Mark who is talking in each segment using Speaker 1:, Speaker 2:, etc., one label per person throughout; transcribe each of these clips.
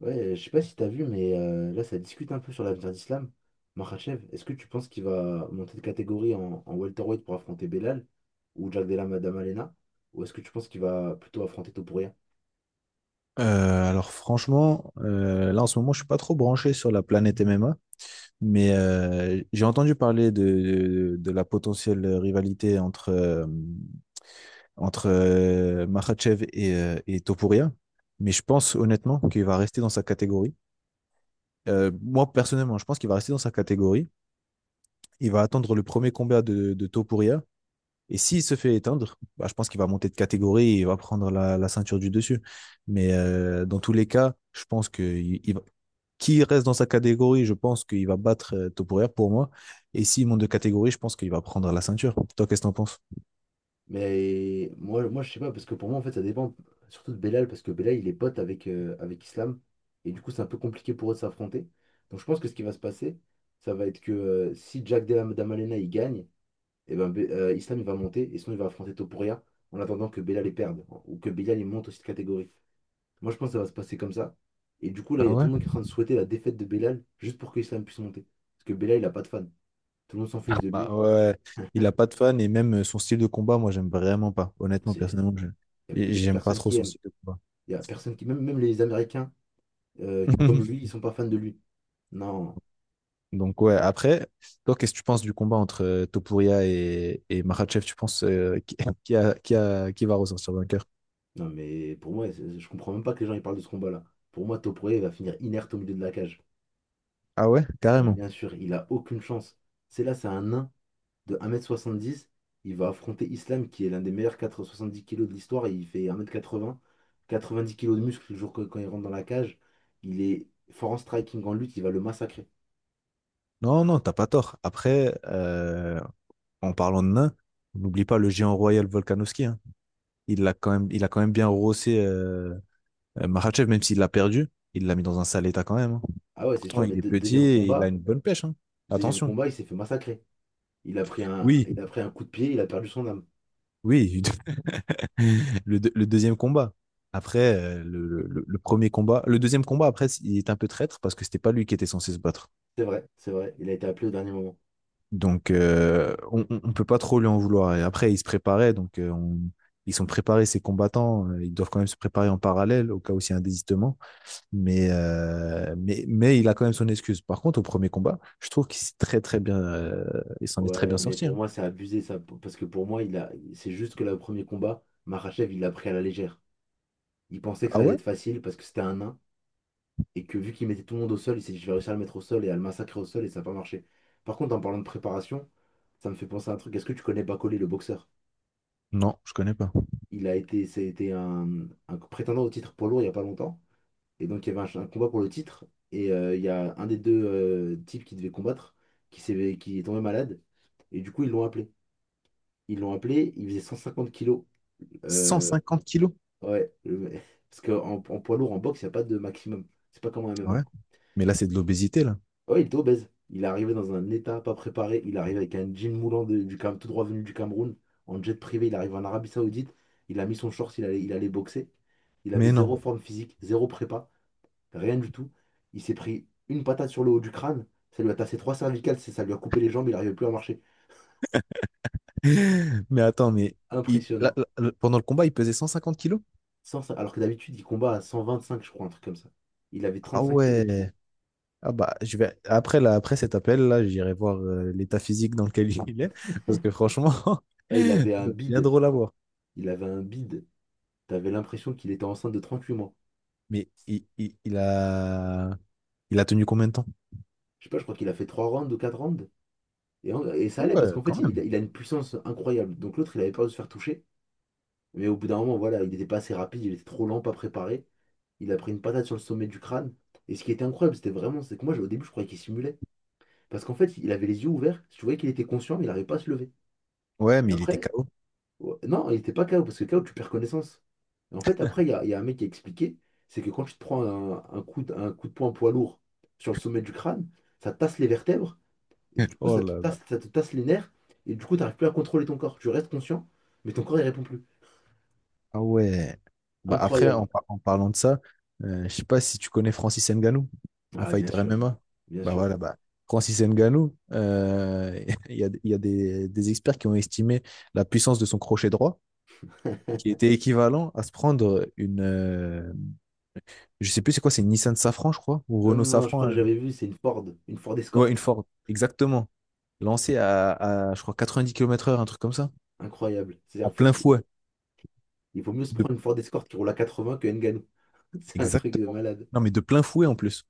Speaker 1: Ouais, je sais pas si t'as vu, mais là, ça discute un peu sur l'avenir d'Islam. Makhachev, est-ce que tu penses qu'il va monter de catégorie en welterweight pour affronter Belal ou Jack Della Madama? Ou est-ce que tu penses qu'il va plutôt affronter Topuria?
Speaker 2: Alors franchement, là en ce moment, je suis pas trop branché sur la planète MMA, mais j'ai entendu parler de la potentielle rivalité entre, Makhachev et Topuria, mais je pense honnêtement qu'il va rester dans sa catégorie. Moi personnellement, je pense qu'il va rester dans sa catégorie. Il va attendre le premier combat de Topuria. Et s'il se fait éteindre, je pense qu'il va monter de catégorie et il va prendre la ceinture du dessus. Mais dans tous les cas, je pense que qui reste dans sa catégorie, je pense qu'il va battre Topuria pour moi. Et s'il monte de catégorie, je pense qu'il va prendre la ceinture. Toi, qu'est-ce que t'en penses?
Speaker 1: Mais moi, je sais pas, parce que pour moi, en fait, ça dépend surtout de Belal, parce que Belal, il est pote avec Islam, et du coup, c'est un peu compliqué pour eux de s'affronter. Donc, je pense que ce qui va se passer, ça va être que si Jack Della Madama il gagne, et ben, Islam il va monter et sinon il va affronter Topuria en attendant que Bella les perde, hein, ou que Bella les monte aussi de catégorie. Moi je pense que ça va se passer comme ça. Et du coup là il
Speaker 2: Ah
Speaker 1: y a tout
Speaker 2: ouais?
Speaker 1: le monde qui est en train de souhaiter la défaite de Bellal juste pour que Islam puisse monter. Parce que Bellal il a pas de fan. Tout le monde s'en fiche de
Speaker 2: Bah
Speaker 1: lui.
Speaker 2: ouais, il a pas de fan et même son style de combat, moi, j'aime vraiment pas. Honnêtement,
Speaker 1: C'est.
Speaker 2: personnellement,
Speaker 1: Il y a
Speaker 2: j'aime pas
Speaker 1: personne
Speaker 2: trop
Speaker 1: qui
Speaker 2: son
Speaker 1: aime.
Speaker 2: style de combat.
Speaker 1: Il y a personne qui... Même les Américains, comme lui ils sont pas fans de lui. Non,
Speaker 2: Donc ouais, après, toi, qu'est-ce que tu penses du combat entre Topuria et Makhachev? Tu penses qui, qui va ressortir vainqueur?
Speaker 1: non, mais pour moi je comprends même pas que les gens ils parlent de ce combat-là. Pour moi Topuria il va finir inerte au milieu de la cage.
Speaker 2: Ah ouais,
Speaker 1: Et
Speaker 2: carrément.
Speaker 1: bien sûr il a aucune chance. C'est là, c'est un nain de 1,70 m. Il va affronter Islam, qui est l'un des meilleurs 470 kilos de l'histoire, et il fait 1 quatre-vingt-dix kilos de muscle le quand il rentre dans la cage. Il est fort en striking, en lutte, il va le massacrer.
Speaker 2: Non, non, t'as pas tort. Après, en parlant de nain, n'oublie pas le géant royal Volkanovski, hein. Il l'a quand même, il a quand même bien rossé Makhachev, même s'il l'a perdu, il l'a mis dans un sale état quand même, hein.
Speaker 1: Ah ouais, c'est
Speaker 2: Pourtant,
Speaker 1: sûr, mais
Speaker 2: il est petit
Speaker 1: deuxième
Speaker 2: et il a
Speaker 1: combat,
Speaker 2: une bonne pêche, hein.
Speaker 1: deuxième
Speaker 2: Attention.
Speaker 1: combat, il s'est fait massacrer. Il a pris un,
Speaker 2: Oui,
Speaker 1: il a pris un coup de pied, il a perdu son âme.
Speaker 2: oui, Le deuxième combat. Après, le premier combat. Le deuxième combat, après, il est un peu traître parce que c'était pas lui qui était censé se battre.
Speaker 1: C'est vrai, il a été appelé au dernier moment.
Speaker 2: Donc, on peut pas trop lui en vouloir. Et après, il se préparait. Donc, ils sont préparés, ces combattants. Ils doivent quand même se préparer en parallèle au cas où il y a un désistement. Mais, mais il a quand même son excuse. Par contre, au premier combat, je trouve qu'il s'est très, très bien. Il s'en est très
Speaker 1: Ouais,
Speaker 2: bien
Speaker 1: mais
Speaker 2: sorti,
Speaker 1: pour
Speaker 2: hein.
Speaker 1: moi, c'est abusé, ça, parce que pour moi, c'est juste que le premier combat, Makhachev, il l'a pris à la légère. Il pensait que
Speaker 2: Ah
Speaker 1: ça allait
Speaker 2: ouais?
Speaker 1: être facile parce que c'était un nain. Et que vu qu'il mettait tout le monde au sol, il s'est dit je vais réussir à le mettre au sol et à le massacrer au sol, et ça n'a pas marché. Par contre, en parlant de préparation, ça me fait penser à un truc. Est-ce que tu connais Bacolé, le boxeur?
Speaker 2: Non, je connais pas.
Speaker 1: C'était un prétendant au titre poids lourd il n'y a pas longtemps. Et donc, il y avait un combat pour le titre. Et il y a un des deux types qui devait combattre, qui est tombé malade. Et du coup, ils l'ont appelé. Ils l'ont appelé, il faisait 150 kilos.
Speaker 2: Cent
Speaker 1: Euh,
Speaker 2: cinquante kilos?
Speaker 1: ouais, parce qu'en en en poids lourd, en boxe, il n'y a pas de maximum. C'est pas comme en
Speaker 2: Ouais.
Speaker 1: MMA.
Speaker 2: Mais là, c'est de l'obésité, là.
Speaker 1: Ouais, il était obèse. Il est arrivé dans un état pas préparé. Il arrive avec un jean moulant tout droit venu du Cameroun, en jet privé. Il arrive en Arabie Saoudite. Il a mis son short, il allait boxer. Il avait
Speaker 2: Mais
Speaker 1: zéro
Speaker 2: non.
Speaker 1: forme physique, zéro prépa, rien du tout. Il s'est pris une patate sur le haut du crâne. Ça lui a tassé trois cervicales, ça lui a coupé les jambes, il n'arrivait plus à marcher.
Speaker 2: Mais attends, mais
Speaker 1: Impressionnant.
Speaker 2: pendant le combat, il pesait 150 kilos?
Speaker 1: Sans ça- Alors que d'habitude, il combat à 125, je crois, un truc comme ça. Il avait
Speaker 2: Ah
Speaker 1: 35 kilos de trop.
Speaker 2: ouais. Ah bah, je vais, après, là, après cet appel, là, j'irai voir l'état physique dans lequel il est. Parce que franchement,
Speaker 1: Ah, il
Speaker 2: c'est
Speaker 1: avait un
Speaker 2: bien
Speaker 1: bide.
Speaker 2: drôle à voir.
Speaker 1: Il avait un bide. T'avais l'impression qu'il était enceinte de 38 mois.
Speaker 2: Mais il a tenu combien de temps?
Speaker 1: Je sais pas, je crois qu'il a fait 3 rounds ou 4 rounds. Et, et ça
Speaker 2: Ah
Speaker 1: allait parce
Speaker 2: ouais,
Speaker 1: qu'en
Speaker 2: quand
Speaker 1: fait, il,
Speaker 2: même.
Speaker 1: il a une puissance incroyable. Donc l'autre, il avait peur de se faire toucher. Mais au bout d'un moment, voilà, il n'était pas assez rapide, il était trop lent, pas préparé. Il a pris une patate sur le sommet du crâne. Et ce qui était incroyable, c'était vraiment, c'est que moi, au début, je croyais qu'il simulait. Parce qu'en fait, il avait les yeux ouverts. Tu voyais qu'il était conscient, mais il n'arrivait pas à se lever.
Speaker 2: Ouais,
Speaker 1: Et
Speaker 2: mais il était
Speaker 1: après,
Speaker 2: KO.
Speaker 1: ouais, non, il n'était pas KO parce que KO, tu perds connaissance. Et en fait, après, il y a un mec qui a expliqué, c'est que quand tu te prends un coup de poing poids lourd sur le sommet du crâne, ça tasse les vertèbres. Et du coup,
Speaker 2: Oh
Speaker 1: ça te
Speaker 2: là là.
Speaker 1: tasse, ça te tasse les nerfs. Et du coup, tu n'arrives plus à contrôler ton corps. Tu restes conscient, mais ton corps, il répond plus.
Speaker 2: Ah ouais. Bah après,
Speaker 1: Incroyable.
Speaker 2: en parlant de ça, je sais pas si tu connais Francis Ngannou, un
Speaker 1: Ah, bien
Speaker 2: fighter
Speaker 1: sûr.
Speaker 2: MMA.
Speaker 1: Bien
Speaker 2: Bah
Speaker 1: sûr.
Speaker 2: voilà, bah Francis Ngannou, il y a des experts qui ont estimé la puissance de son crochet droit, qui était équivalent à se prendre une, je sais plus c'est quoi, c'est une Nissan Safran, je crois, ou
Speaker 1: Non, non,
Speaker 2: Renault
Speaker 1: non, je
Speaker 2: Safran,
Speaker 1: crois que j'avais vu, c'est une Ford. Une Ford
Speaker 2: ouais,
Speaker 1: Escort.
Speaker 2: une Ford, exactement, lancée je crois, 90 km/h, un truc comme ça,
Speaker 1: Incroyable. C'est-à-dire,
Speaker 2: en
Speaker 1: en fait,
Speaker 2: plein fouet.
Speaker 1: il vaut mieux se
Speaker 2: De,
Speaker 1: prendre une Ford Escort qui roule à 80 que Ngannou. C'est un truc de
Speaker 2: exactement.
Speaker 1: malade.
Speaker 2: Non, mais de plein fouet en plus.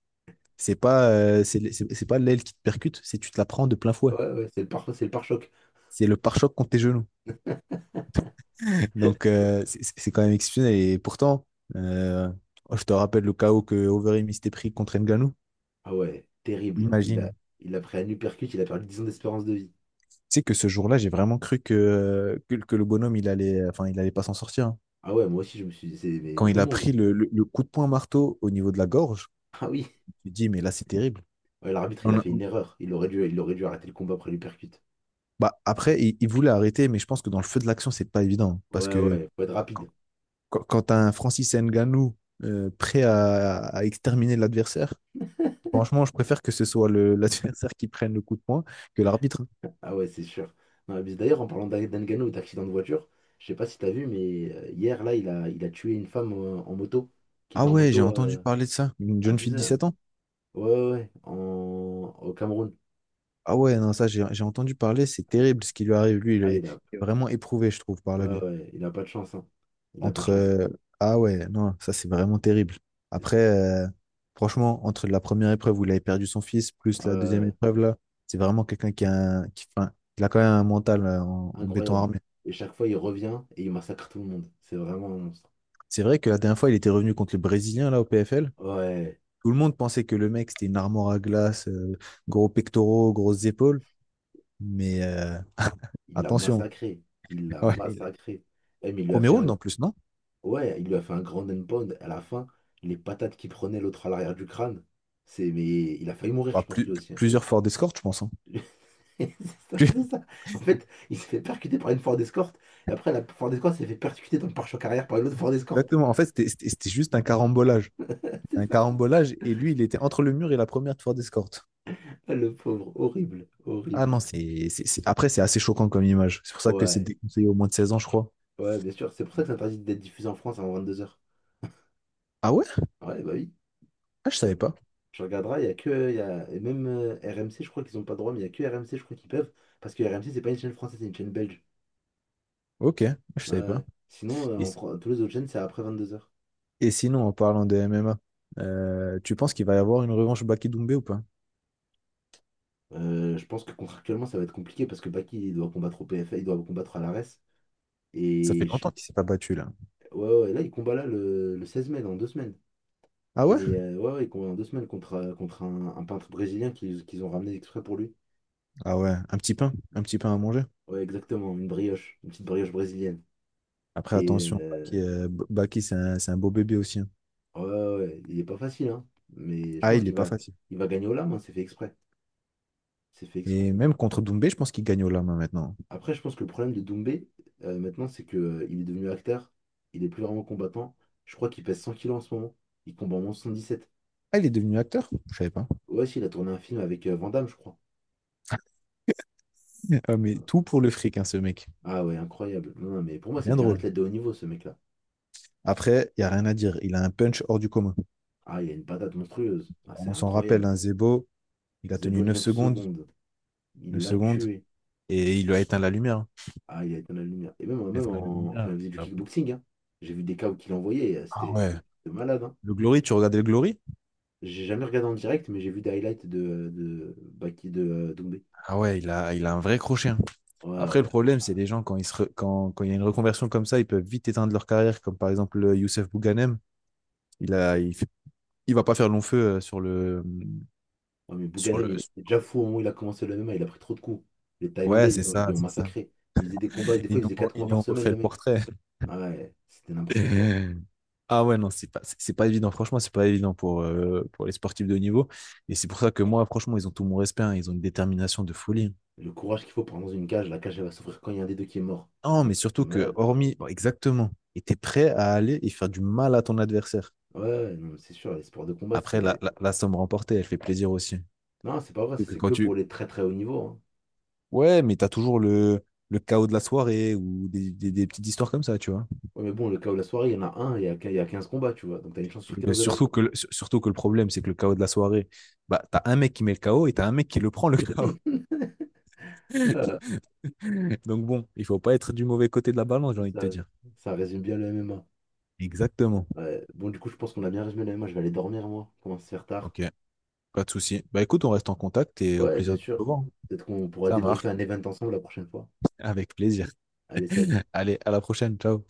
Speaker 2: C'est pas, c'est pas l'aile qui te percute, c'est tu te la prends de plein fouet.
Speaker 1: Ouais, ouais, c'est le pare-choc.
Speaker 2: C'est le pare-choc contre tes genoux. Donc, c'est quand même exceptionnel. Et pourtant, euh, je te rappelle le chaos que Overeem s'était pris contre Ngannou.
Speaker 1: Ah ouais, terrible. Il a,
Speaker 2: Imagine.
Speaker 1: il a pris un uppercut, il a perdu 10 ans d'espérance de vie.
Speaker 2: Tu sais que ce jour-là, j'ai vraiment cru que le bonhomme, il allait, enfin, il allait pas s'en sortir, hein.
Speaker 1: Ah ouais, moi aussi, je me suis dit, mais
Speaker 2: Quand
Speaker 1: tout
Speaker 2: il
Speaker 1: le
Speaker 2: a
Speaker 1: monde.
Speaker 2: pris le coup de poing marteau au niveau de la gorge,
Speaker 1: Ah oui.
Speaker 2: je me suis dit, mais là, c'est terrible.
Speaker 1: Ouais, l'arbitre, il
Speaker 2: On
Speaker 1: a
Speaker 2: a-
Speaker 1: fait
Speaker 2: on-
Speaker 1: une erreur. Il aurait dû arrêter le combat après l'uppercut.
Speaker 2: bah, après, il voulait arrêter, mais je pense que dans le feu de l'action, c'est pas évident. Parce
Speaker 1: Ouais,
Speaker 2: que
Speaker 1: ouais, faut être rapide.
Speaker 2: quand t'as un Francis Nganou prêt à exterminer l'adversaire, franchement, je préfère que ce soit l'adversaire qui prenne le coup de poing que l'arbitre.
Speaker 1: Ah ouais, c'est sûr. Non, mais d'ailleurs, en parlant d'Ngannou et d'accident de voiture, je sais pas si t'as vu, mais hier, là, il a tué une femme, en moto, qui était
Speaker 2: Ah
Speaker 1: en
Speaker 2: ouais, j'ai
Speaker 1: moto,
Speaker 2: entendu parler de ça. Une jeune fille de
Speaker 1: abusée, hein.
Speaker 2: 17 ans.
Speaker 1: Ouais, ouais, ouais, au Cameroun.
Speaker 2: Ah ouais, non, ça, j'ai entendu parler. C'est terrible ce qui lui arrive.
Speaker 1: Ah, il a.
Speaker 2: Il est vraiment éprouvé, je trouve, par la vie.
Speaker 1: Ouais, ouais, il a pas de chance, hein. Il a pas de
Speaker 2: Entre.
Speaker 1: chance.
Speaker 2: Ah ouais, non, ça, c'est vraiment terrible. Après, franchement, entre la première épreuve où il avait perdu son fils, plus la deuxième
Speaker 1: Euh,
Speaker 2: épreuve, là, c'est vraiment quelqu'un qui a, enfin, il a quand même un mental en béton
Speaker 1: Incroyable.
Speaker 2: armé.
Speaker 1: Et chaque fois, il revient et il massacre tout le monde. C'est vraiment un monstre.
Speaker 2: C'est vrai que la dernière fois, il était revenu contre les Brésiliens, là, au PFL.
Speaker 1: Ouais,
Speaker 2: Tout le monde pensait que le mec, c'était une armoire à glace, gros pectoraux, grosses épaules. Mais
Speaker 1: il l'a
Speaker 2: attention.
Speaker 1: massacré. Il l'a
Speaker 2: Ouais, il-
Speaker 1: massacré. Eh, mais il lui a
Speaker 2: Premier
Speaker 1: fait
Speaker 2: round,
Speaker 1: un
Speaker 2: en plus, non?
Speaker 1: Ouais, il lui a fait un grand end pound. À la fin, les patates qu'il prenait l'autre à l'arrière du crâne. C'est. Mais il a failli mourir,
Speaker 2: Bah,
Speaker 1: je pense, lui aussi, hein.
Speaker 2: plusieurs forts d'escorte, je pense, hein.
Speaker 1: C'est ça,
Speaker 2: Plus-
Speaker 1: c'est ça. En fait, il s'est fait percuter par une Ford Escort. Et après, la Ford Escort s'est fait percuter dans le pare-choc arrière par une autre Ford Escort.
Speaker 2: Exactement. En fait, c'était juste un carambolage.
Speaker 1: C'est
Speaker 2: Un
Speaker 1: ça.
Speaker 2: carambolage, et lui, il était entre le mur et la première de fort d'escorte.
Speaker 1: Le pauvre. Horrible.
Speaker 2: Ah
Speaker 1: Horrible.
Speaker 2: non, après, c'est assez choquant comme image. C'est pour ça que c'est
Speaker 1: Ouais.
Speaker 2: déconseillé au moins de 16 ans, je crois.
Speaker 1: Ouais, bien sûr. C'est pour ça que c'est interdit d'être diffusé en France avant 22 h.
Speaker 2: Ah ouais?
Speaker 1: Ah ouais, bah oui.
Speaker 2: Ah, je
Speaker 1: Je,
Speaker 2: savais pas.
Speaker 1: je regarderai. Il y a que. Il Y a, Et même RMC, je crois qu'ils n'ont pas le droit, mais il y a que RMC, je crois qu'ils peuvent. Parce que RMC, c'est pas une chaîne française, c'est une chaîne belge.
Speaker 2: Ok, je
Speaker 1: Ouais.
Speaker 2: savais pas.
Speaker 1: Ouais. Sinon,
Speaker 2: Et
Speaker 1: tous les autres chaînes, c'est après 22 h.
Speaker 2: Et sinon, en parlant de MMA, tu penses qu'il va y avoir une revanche Baki Doumbé ou pas?
Speaker 1: Je pense que contractuellement, ça va être compliqué parce que Baki, il doit combattre au PFA, il doit combattre à l'ARES.
Speaker 2: Ça fait
Speaker 1: Et je-
Speaker 2: longtemps qu'il s'est pas battu là.
Speaker 1: ouais, ouais, là, il combat là le 16 mai, dans 2 semaines.
Speaker 2: Ah ouais?
Speaker 1: Ouais, ouais, il combat dans 2 semaines contre un peintre brésilien qu'ils ont ramené exprès pour lui.
Speaker 2: Ah ouais, un petit pain à manger.
Speaker 1: Ouais, exactement, une brioche, une petite brioche brésilienne.
Speaker 2: Après,
Speaker 1: Et
Speaker 2: attention,
Speaker 1: euh,
Speaker 2: Baki, c'est un beau bébé aussi, hein.
Speaker 1: ouais, ouais, ouais, il est pas facile, hein. Mais je
Speaker 2: Ah,
Speaker 1: pense
Speaker 2: il est
Speaker 1: qu'il
Speaker 2: pas
Speaker 1: va,
Speaker 2: facile.
Speaker 1: il va gagner au lame, hein, c'est fait exprès. C'est fait
Speaker 2: Et
Speaker 1: exprès.
Speaker 2: même contre Doumbé, je pense qu'il gagne au lama maintenant.
Speaker 1: Après, je pense que le problème de Doumbé, maintenant, c'est que, il est devenu acteur. Il est plus vraiment combattant. Je crois qu'il pèse 100 kilos en ce moment. Il combat en 177.
Speaker 2: Ah, il est devenu acteur? Je savais pas.
Speaker 1: Ouais, si, il a tourné un film avec Van Damme, je crois.
Speaker 2: Ah, mais tout pour le fric, hein, ce mec.
Speaker 1: Ah ouais, incroyable. Non, non, mais pour moi, c'est
Speaker 2: Bien
Speaker 1: plus un
Speaker 2: drôle.
Speaker 1: athlète de haut niveau, ce mec-là.
Speaker 2: Après, il y a rien à dire. Il a un punch hors du commun.
Speaker 1: Ah, il a une patate monstrueuse. Ah, c'est
Speaker 2: On s'en rappelle,
Speaker 1: incroyable.
Speaker 2: un Zebo, il a tenu
Speaker 1: Zebo 9 secondes. Il
Speaker 2: 9
Speaker 1: l'a
Speaker 2: secondes,
Speaker 1: tué.
Speaker 2: et il lui a éteint la lumière, hein.
Speaker 1: Ah, il a éteint la lumière. Et même
Speaker 2: Éteint la
Speaker 1: quand
Speaker 2: lumière.
Speaker 1: il faisait du kickboxing, hein, j'ai vu des KO qu'il envoyait.
Speaker 2: Ah
Speaker 1: C'était
Speaker 2: ouais.
Speaker 1: c'était malade, hein.
Speaker 2: Le Glory, tu regardais le Glory?
Speaker 1: J'ai jamais regardé en direct, mais j'ai vu des highlights de Doumbé.
Speaker 2: Ah ouais, il a un vrai crochet, hein.
Speaker 1: Ouais,
Speaker 2: Après, le
Speaker 1: ouais.
Speaker 2: problème, c'est les gens, quand, ils se re- quand, quand il y a une reconversion comme ça, ils peuvent vite éteindre leur carrière, comme par exemple Youssef Bouganem. Il a, il fait- il va pas faire long feu
Speaker 1: Ouais, mais
Speaker 2: sur
Speaker 1: Bouganem,
Speaker 2: le.
Speaker 1: il était déjà fou au moment où il a commencé le MMA, il a pris trop de coups. Les Thaïlandais,
Speaker 2: Ouais,
Speaker 1: ils
Speaker 2: c'est
Speaker 1: l'ont ils
Speaker 2: ça,
Speaker 1: l'ont
Speaker 2: c'est ça.
Speaker 1: massacré. Il faisait des combats, et des fois, il faisait 4
Speaker 2: Ils
Speaker 1: combats
Speaker 2: nous
Speaker 1: par
Speaker 2: ont
Speaker 1: semaine,
Speaker 2: refait
Speaker 1: le
Speaker 2: le
Speaker 1: mec.
Speaker 2: portrait.
Speaker 1: Ah ouais, c'était n'importe quoi.
Speaker 2: Ah ouais, non, c'est pas évident. Franchement, c'est pas évident pour les sportifs de haut niveau. Et c'est pour ça que moi, franchement, ils ont tout mon respect, hein. Ils ont une détermination de folie, hein.
Speaker 1: Le courage qu'il faut pour rentrer dans une cage, la cage, elle va s'ouvrir quand il y a un des deux qui est mort.
Speaker 2: Non,
Speaker 1: C'est un
Speaker 2: mais
Speaker 1: truc de
Speaker 2: surtout que,
Speaker 1: malade.
Speaker 2: hormis, bon, exactement, et t'es prêt à aller et faire du mal à ton adversaire.
Speaker 1: Ouais, ouais, non, mais c'est sûr, les sports de combat,
Speaker 2: Après,
Speaker 1: c'est.
Speaker 2: la somme remportée, elle fait plaisir aussi.
Speaker 1: Non, c'est pas vrai,
Speaker 2: Surtout que
Speaker 1: c'est
Speaker 2: quand
Speaker 1: que pour
Speaker 2: tu...
Speaker 1: les très très hauts niveaux, hein.
Speaker 2: Ouais, mais t'as toujours le chaos de la soirée ou des petites histoires comme ça, tu vois.
Speaker 1: Ouais, mais bon, le cas où la soirée, il y en a un, il y a 15 combats, tu vois. Donc t'as une chance sur 15 de l'avoir.
Speaker 2: Surtout que le problème, c'est que le chaos de la soirée, bah, t'as un mec qui met le chaos et t'as un mec qui le prend, le chaos.
Speaker 1: Euh,
Speaker 2: Donc bon, il faut pas être du mauvais côté de la balance, j'ai
Speaker 1: c'est
Speaker 2: envie de
Speaker 1: ça,
Speaker 2: te dire.
Speaker 1: ça résume bien le MMA.
Speaker 2: Exactement.
Speaker 1: Ouais, bon, du coup, je pense qu'on a bien résumé le MMA. Je vais aller dormir, moi. Commence à se faire tard.
Speaker 2: Ok, pas de souci. Bah écoute, on reste en contact et au
Speaker 1: Ouais,
Speaker 2: plaisir
Speaker 1: bien
Speaker 2: de te
Speaker 1: sûr.
Speaker 2: voir.
Speaker 1: Peut-être qu'on pourra
Speaker 2: Ça marche,
Speaker 1: débriefer un event ensemble la prochaine fois.
Speaker 2: avec plaisir.
Speaker 1: Allez, salut.
Speaker 2: Allez, à la prochaine. Ciao.